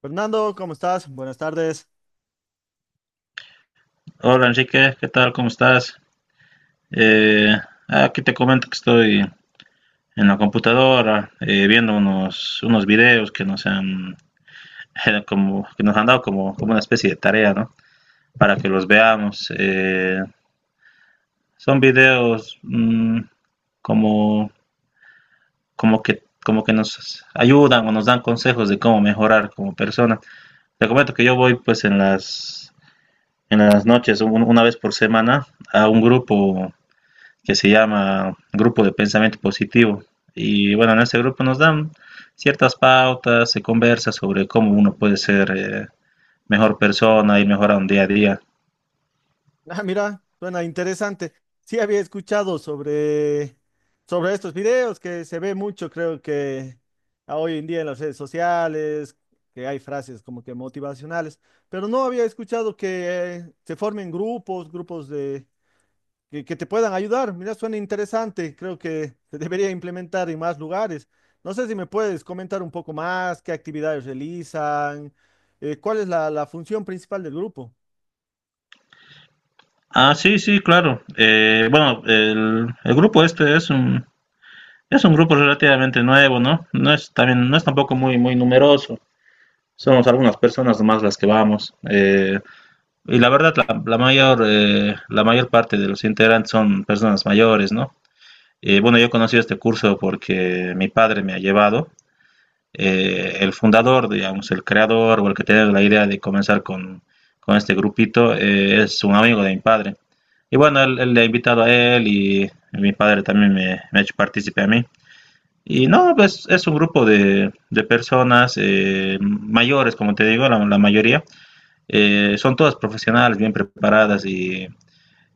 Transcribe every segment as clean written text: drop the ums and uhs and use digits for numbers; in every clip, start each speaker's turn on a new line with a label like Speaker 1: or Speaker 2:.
Speaker 1: Fernando, ¿cómo estás? Buenas tardes.
Speaker 2: Hola Enrique, ¿qué tal? ¿Cómo estás? Eh, Aquí te comento que estoy en la computadora viendo unos videos que nos han, que nos han dado como una especie de tarea, ¿no? Para que los veamos. Son videos como, como que nos ayudan o nos dan consejos de cómo mejorar como persona. Te comento que yo voy pues en en las noches, una vez por semana, a un grupo que se llama Grupo de Pensamiento Positivo. Y bueno, en este grupo nos dan ciertas pautas, se conversa sobre cómo uno puede ser mejor persona y mejorar un día a día.
Speaker 1: Ah, mira, suena interesante. Sí había escuchado sobre, sobre estos videos que se ve mucho, creo que a hoy en día en las redes sociales, que hay frases como que motivacionales, pero no había escuchado que se formen grupos, grupos de que te puedan ayudar. Mira, suena interesante. Creo que se debería implementar en más lugares. No sé si me puedes comentar un poco más, qué actividades realizan, cuál es la función principal del grupo.
Speaker 2: Ah, sí, sí, claro. Bueno, el grupo este es es un grupo relativamente nuevo, ¿no? No es, también, no es tampoco muy numeroso. Somos algunas personas más las que vamos. Y la verdad, la mayor parte de los integrantes son personas mayores, ¿no? Bueno, yo he conocido este curso porque mi padre me ha llevado. El fundador, digamos, el creador o el que tiene la idea de comenzar con este grupito es un amigo de mi padre. Y bueno, él le ha invitado a él y mi padre también me ha hecho partícipe a mí. Y no, pues es un grupo de personas mayores, como te digo, la mayoría. Son todas profesionales, bien preparadas y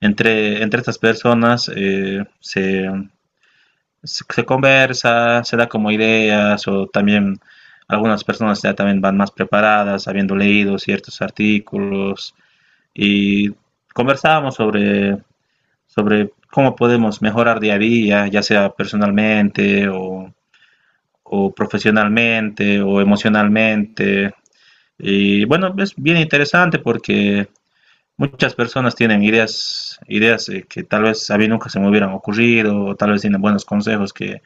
Speaker 2: entre estas personas se conversa, se da como ideas o también algunas personas ya también van más preparadas, habiendo leído ciertos artículos y conversábamos sobre cómo podemos mejorar día a día, ya sea personalmente o profesionalmente o emocionalmente. Y bueno, es bien interesante porque muchas personas tienen ideas, que tal vez a mí nunca se me hubieran ocurrido, o tal vez tienen buenos consejos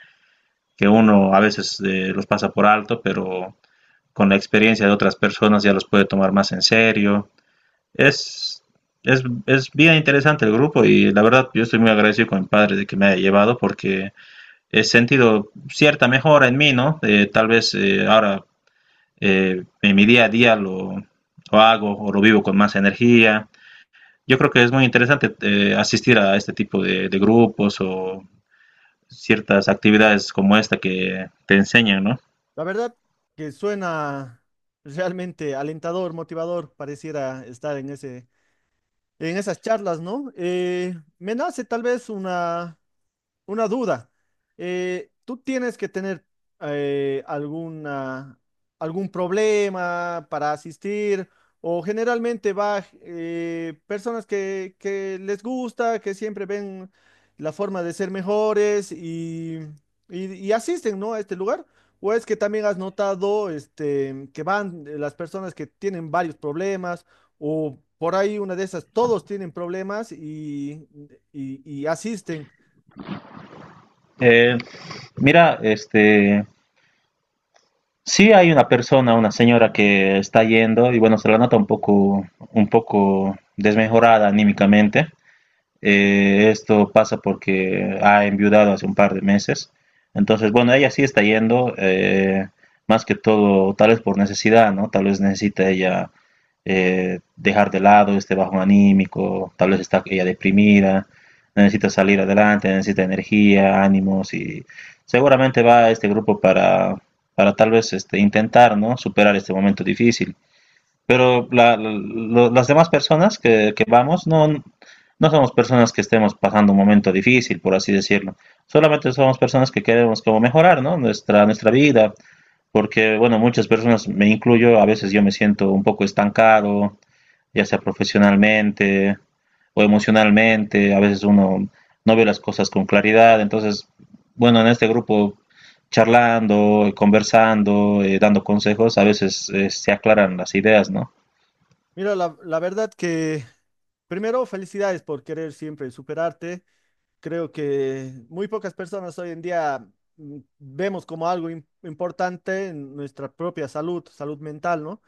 Speaker 2: que uno a veces los pasa por alto, pero con la experiencia de otras personas ya los puede tomar más en serio. Es, es bien interesante el grupo y la verdad yo estoy muy agradecido con mi padre de que me haya llevado porque he sentido cierta mejora en mí, ¿no? Tal vez ahora en mi día a día hago o lo vivo con más energía. Yo creo que es muy interesante asistir a este tipo de grupos o ciertas actividades como esta que te enseñan, ¿no?
Speaker 1: La verdad que suena realmente alentador, motivador, pareciera estar en ese, en esas charlas, ¿no? Me nace tal vez una duda. ¿Tú tienes que tener alguna, algún problema para asistir? ¿O generalmente va personas que les gusta, que siempre ven la forma de ser mejores y asisten, ¿no? a este lugar? ¿O es que también has notado este, que van las personas que tienen varios problemas o por ahí una de esas, todos tienen problemas y asisten?
Speaker 2: Eh, Mira, este, sí hay una persona, una señora que está yendo y bueno, se la nota un poco desmejorada anímicamente. Esto pasa porque ha enviudado hace un par de meses. Entonces, bueno, ella sí está yendo, más que todo, tal vez por necesidad, ¿no? Tal vez necesita ella dejar de lado este bajón anímico, tal vez está ella deprimida, necesita salir adelante, necesita energía, ánimos y seguramente va a este grupo para tal vez este, intentar, ¿no? Superar este momento difícil. Pero las demás personas que vamos no, no somos personas que estemos pasando un momento difícil, por así decirlo. Solamente somos personas que queremos como mejorar, ¿no? Nuestra vida. Porque, bueno, muchas personas, me incluyo, a veces yo me siento un poco estancado, ya sea profesionalmente o emocionalmente. A veces uno no ve las cosas con claridad. Entonces, bueno, en este grupo charlando, conversando, dando consejos, a veces se aclaran las ideas, ¿no?
Speaker 1: Mira, la verdad que primero felicidades por querer siempre superarte. Creo que muy pocas personas hoy en día vemos como algo importante en nuestra propia salud, salud mental, ¿no?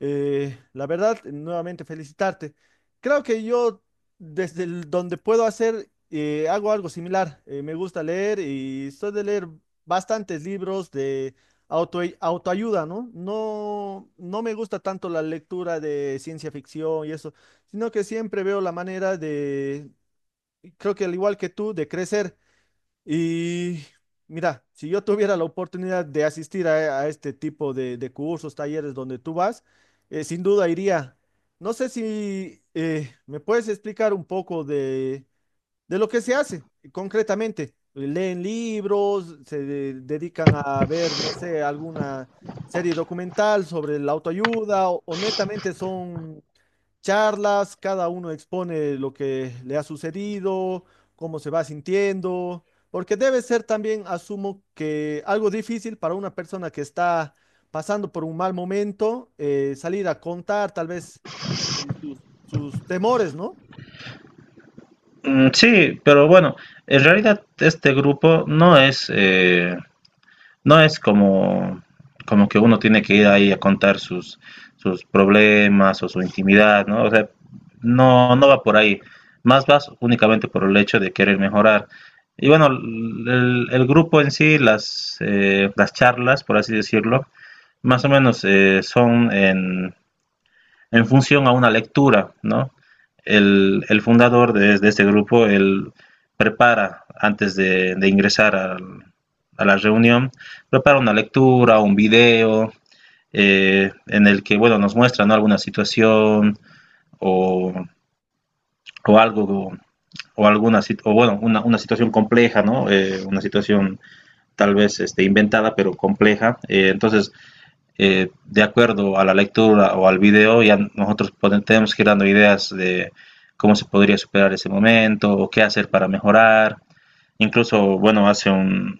Speaker 1: La verdad, nuevamente felicitarte. Creo que yo, donde puedo hacer, hago algo similar. Me gusta leer y soy de leer bastantes libros de autoayuda, ¿no? No, no me gusta tanto la lectura de ciencia ficción y eso, sino que siempre veo la manera de, creo que al igual que tú, de crecer. Y mira, si yo tuviera la oportunidad de asistir a este tipo de cursos, talleres donde tú vas, sin duda iría. No sé si me puedes explicar un poco de lo que se hace concretamente. Leen libros, dedican a ver, no sé, alguna serie documental sobre la autoayuda o netamente son charlas, cada uno expone lo que le ha sucedido, cómo se va sintiendo, porque debe ser también, asumo, que algo difícil para una persona que está pasando por un mal momento, salir a contar tal vez sus temores, ¿no?
Speaker 2: Mm, sí, pero bueno, en realidad este grupo no es, no es como, como que uno tiene que ir ahí a contar sus problemas o su intimidad, ¿no? O sea, no, no va por ahí. Más vas únicamente por el hecho de querer mejorar. Y bueno, el grupo en sí, las charlas, por así decirlo, más o menos son en función a una lectura, ¿no? El fundador este grupo, él prepara, antes de ingresar a la reunión, prepara una lectura, un video, en el que, bueno, nos muestra, ¿no?, alguna situación o, o algo, o alguna, o bueno, una situación compleja, ¿no? Una situación tal vez este, inventada, pero compleja. Entonces, de acuerdo a la lectura o al video, ya nosotros podemos, tenemos que ir dando ideas de cómo se podría superar ese momento o qué hacer para mejorar. Incluso, bueno,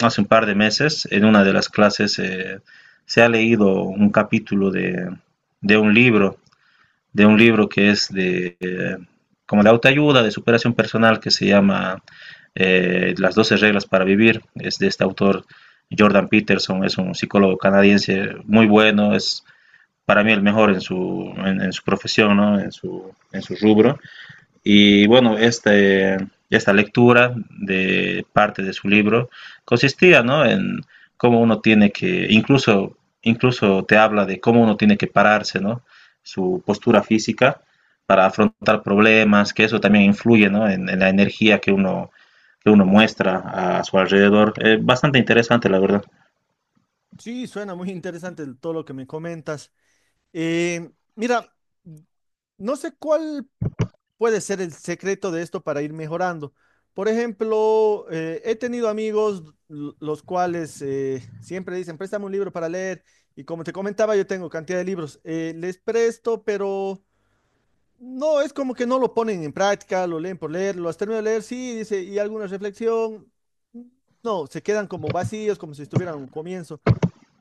Speaker 2: hace un par de meses en una de las clases se ha leído un capítulo de un libro que es de, como de autoayuda, de superación personal, que se llama Las doce reglas para vivir. Es de este autor Jordan Peterson, es un psicólogo canadiense muy bueno, es para mí el mejor en en su profesión, ¿no?, en su rubro. Y bueno, este, esta lectura de parte de su libro consistía, ¿no?, en cómo uno tiene que, incluso, incluso te habla de cómo uno tiene que pararse, ¿no? Su postura física para afrontar problemas, que eso también influye, ¿no?, en, la energía que que uno muestra a su alrededor. Bastante interesante, la verdad.
Speaker 1: Sí, suena muy interesante todo lo que me comentas. Mira, no sé cuál puede ser el secreto de esto para ir mejorando. Por ejemplo, he tenido amigos los cuales siempre dicen, préstame un libro para leer. Y como te comentaba, yo tengo cantidad de libros. Les presto, pero no, es como que no lo ponen en práctica, lo leen por leer, lo has terminado de leer, sí, dice, y alguna reflexión. No, se quedan como vacíos, como si estuvieran a un comienzo.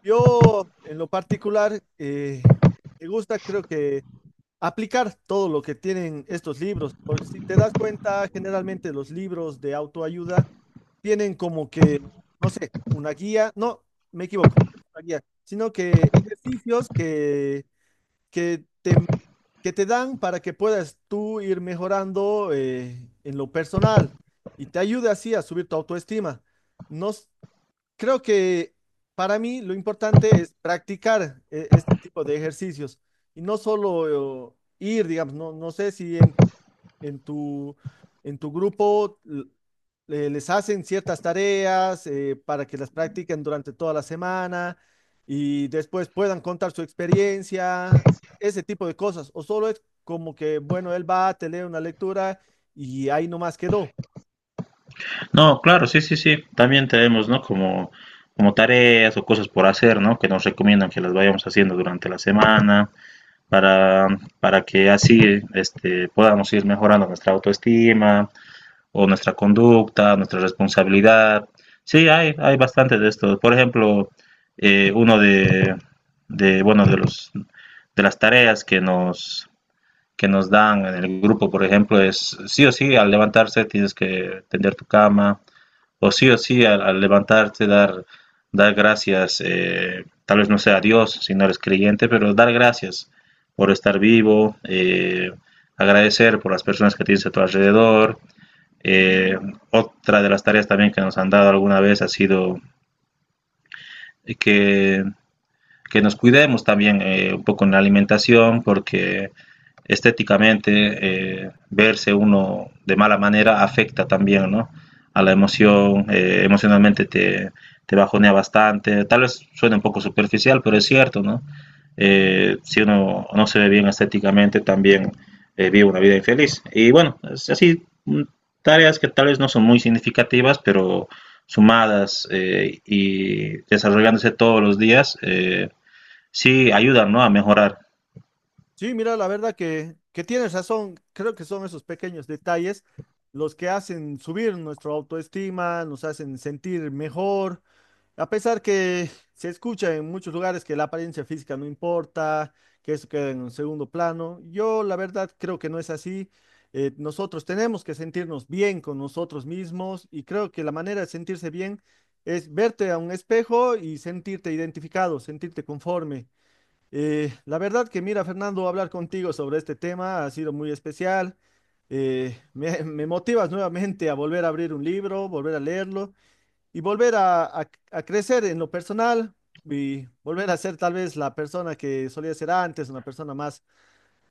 Speaker 1: Yo, en lo particular, me gusta, creo que aplicar todo lo que tienen estos libros, porque si te das cuenta, generalmente los libros de autoayuda tienen como que, no sé, una guía, no, me equivoco, una guía, sino que ejercicios que te, que te dan para que puedas tú ir mejorando en lo personal y te ayude así a subir tu autoestima. No, s- Creo que para mí lo importante es practicar este tipo de ejercicios y no solo ir, digamos, no, no sé si en, en tu, en tu grupo les hacen ciertas tareas para que las practiquen durante toda la semana y después puedan contar su experiencia, ese tipo de cosas, o solo es como que, bueno, él va, te lee una lectura y ahí nomás quedó.
Speaker 2: No, claro, sí, sí, sí. También tenemos, ¿no?, como, como tareas o cosas por hacer, ¿no?, que nos recomiendan que las vayamos haciendo durante la semana. para, para que así este, podamos ir mejorando nuestra autoestima o nuestra conducta, nuestra responsabilidad. Hay bastantes de estos. Por ejemplo, uno de, bueno, de las tareas que nos dan en el grupo, por ejemplo, es sí o sí, al levantarse tienes que tender tu cama, o sí, al levantarte, dar gracias, tal vez no sea a Dios si no eres creyente, pero dar gracias por estar vivo, agradecer por las personas que tienes a tu alrededor. Eh, Otra de las tareas también que nos han dado alguna vez ha sido que que nos cuidemos también un poco en la alimentación, porque estéticamente verse uno de mala manera afecta también, ¿no?, a la emoción, emocionalmente te bajonea bastante. Tal vez suene un poco superficial, pero es cierto, ¿no? Si uno no se ve bien estéticamente, también vive una vida infeliz. Y bueno, es así, tareas que tal vez no son muy significativas, pero sumadas y desarrollándose todos los días, sí, ayudan, ¿no?, a mejorar.
Speaker 1: Sí, mira, la verdad que tienes razón. Creo que son esos pequeños detalles los que hacen subir nuestra autoestima, nos hacen sentir mejor. A pesar que se escucha en muchos lugares que la apariencia física no importa, que eso queda en un segundo plano, yo la verdad creo que no es así. Nosotros tenemos que sentirnos bien con nosotros mismos y creo que la manera de sentirse bien es verte a un espejo y sentirte identificado, sentirte conforme. La verdad que mira, Fernando, hablar contigo sobre este tema ha sido muy especial. Me motivas nuevamente a volver a abrir un libro, volver a leerlo y volver a, a crecer en lo personal y volver a ser tal vez la persona que solía ser antes, una persona más,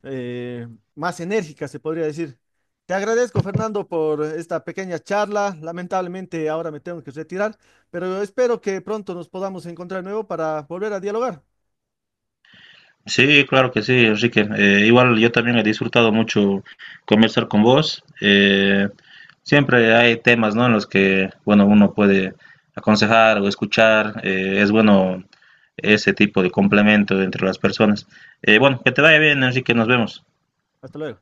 Speaker 1: eh, más enérgica, se podría decir. Te agradezco, Fernando, por esta pequeña charla. Lamentablemente ahora me tengo que retirar, pero espero que pronto nos podamos encontrar de nuevo para volver a dialogar.
Speaker 2: Sí, claro que sí, Enrique. Igual yo también he disfrutado mucho conversar con vos. Siempre hay temas, ¿no?, en los que, bueno, uno puede aconsejar o escuchar. Es bueno ese tipo de complemento entre las personas. Bueno, que te vaya bien, Enrique. Nos vemos.
Speaker 1: Hasta luego.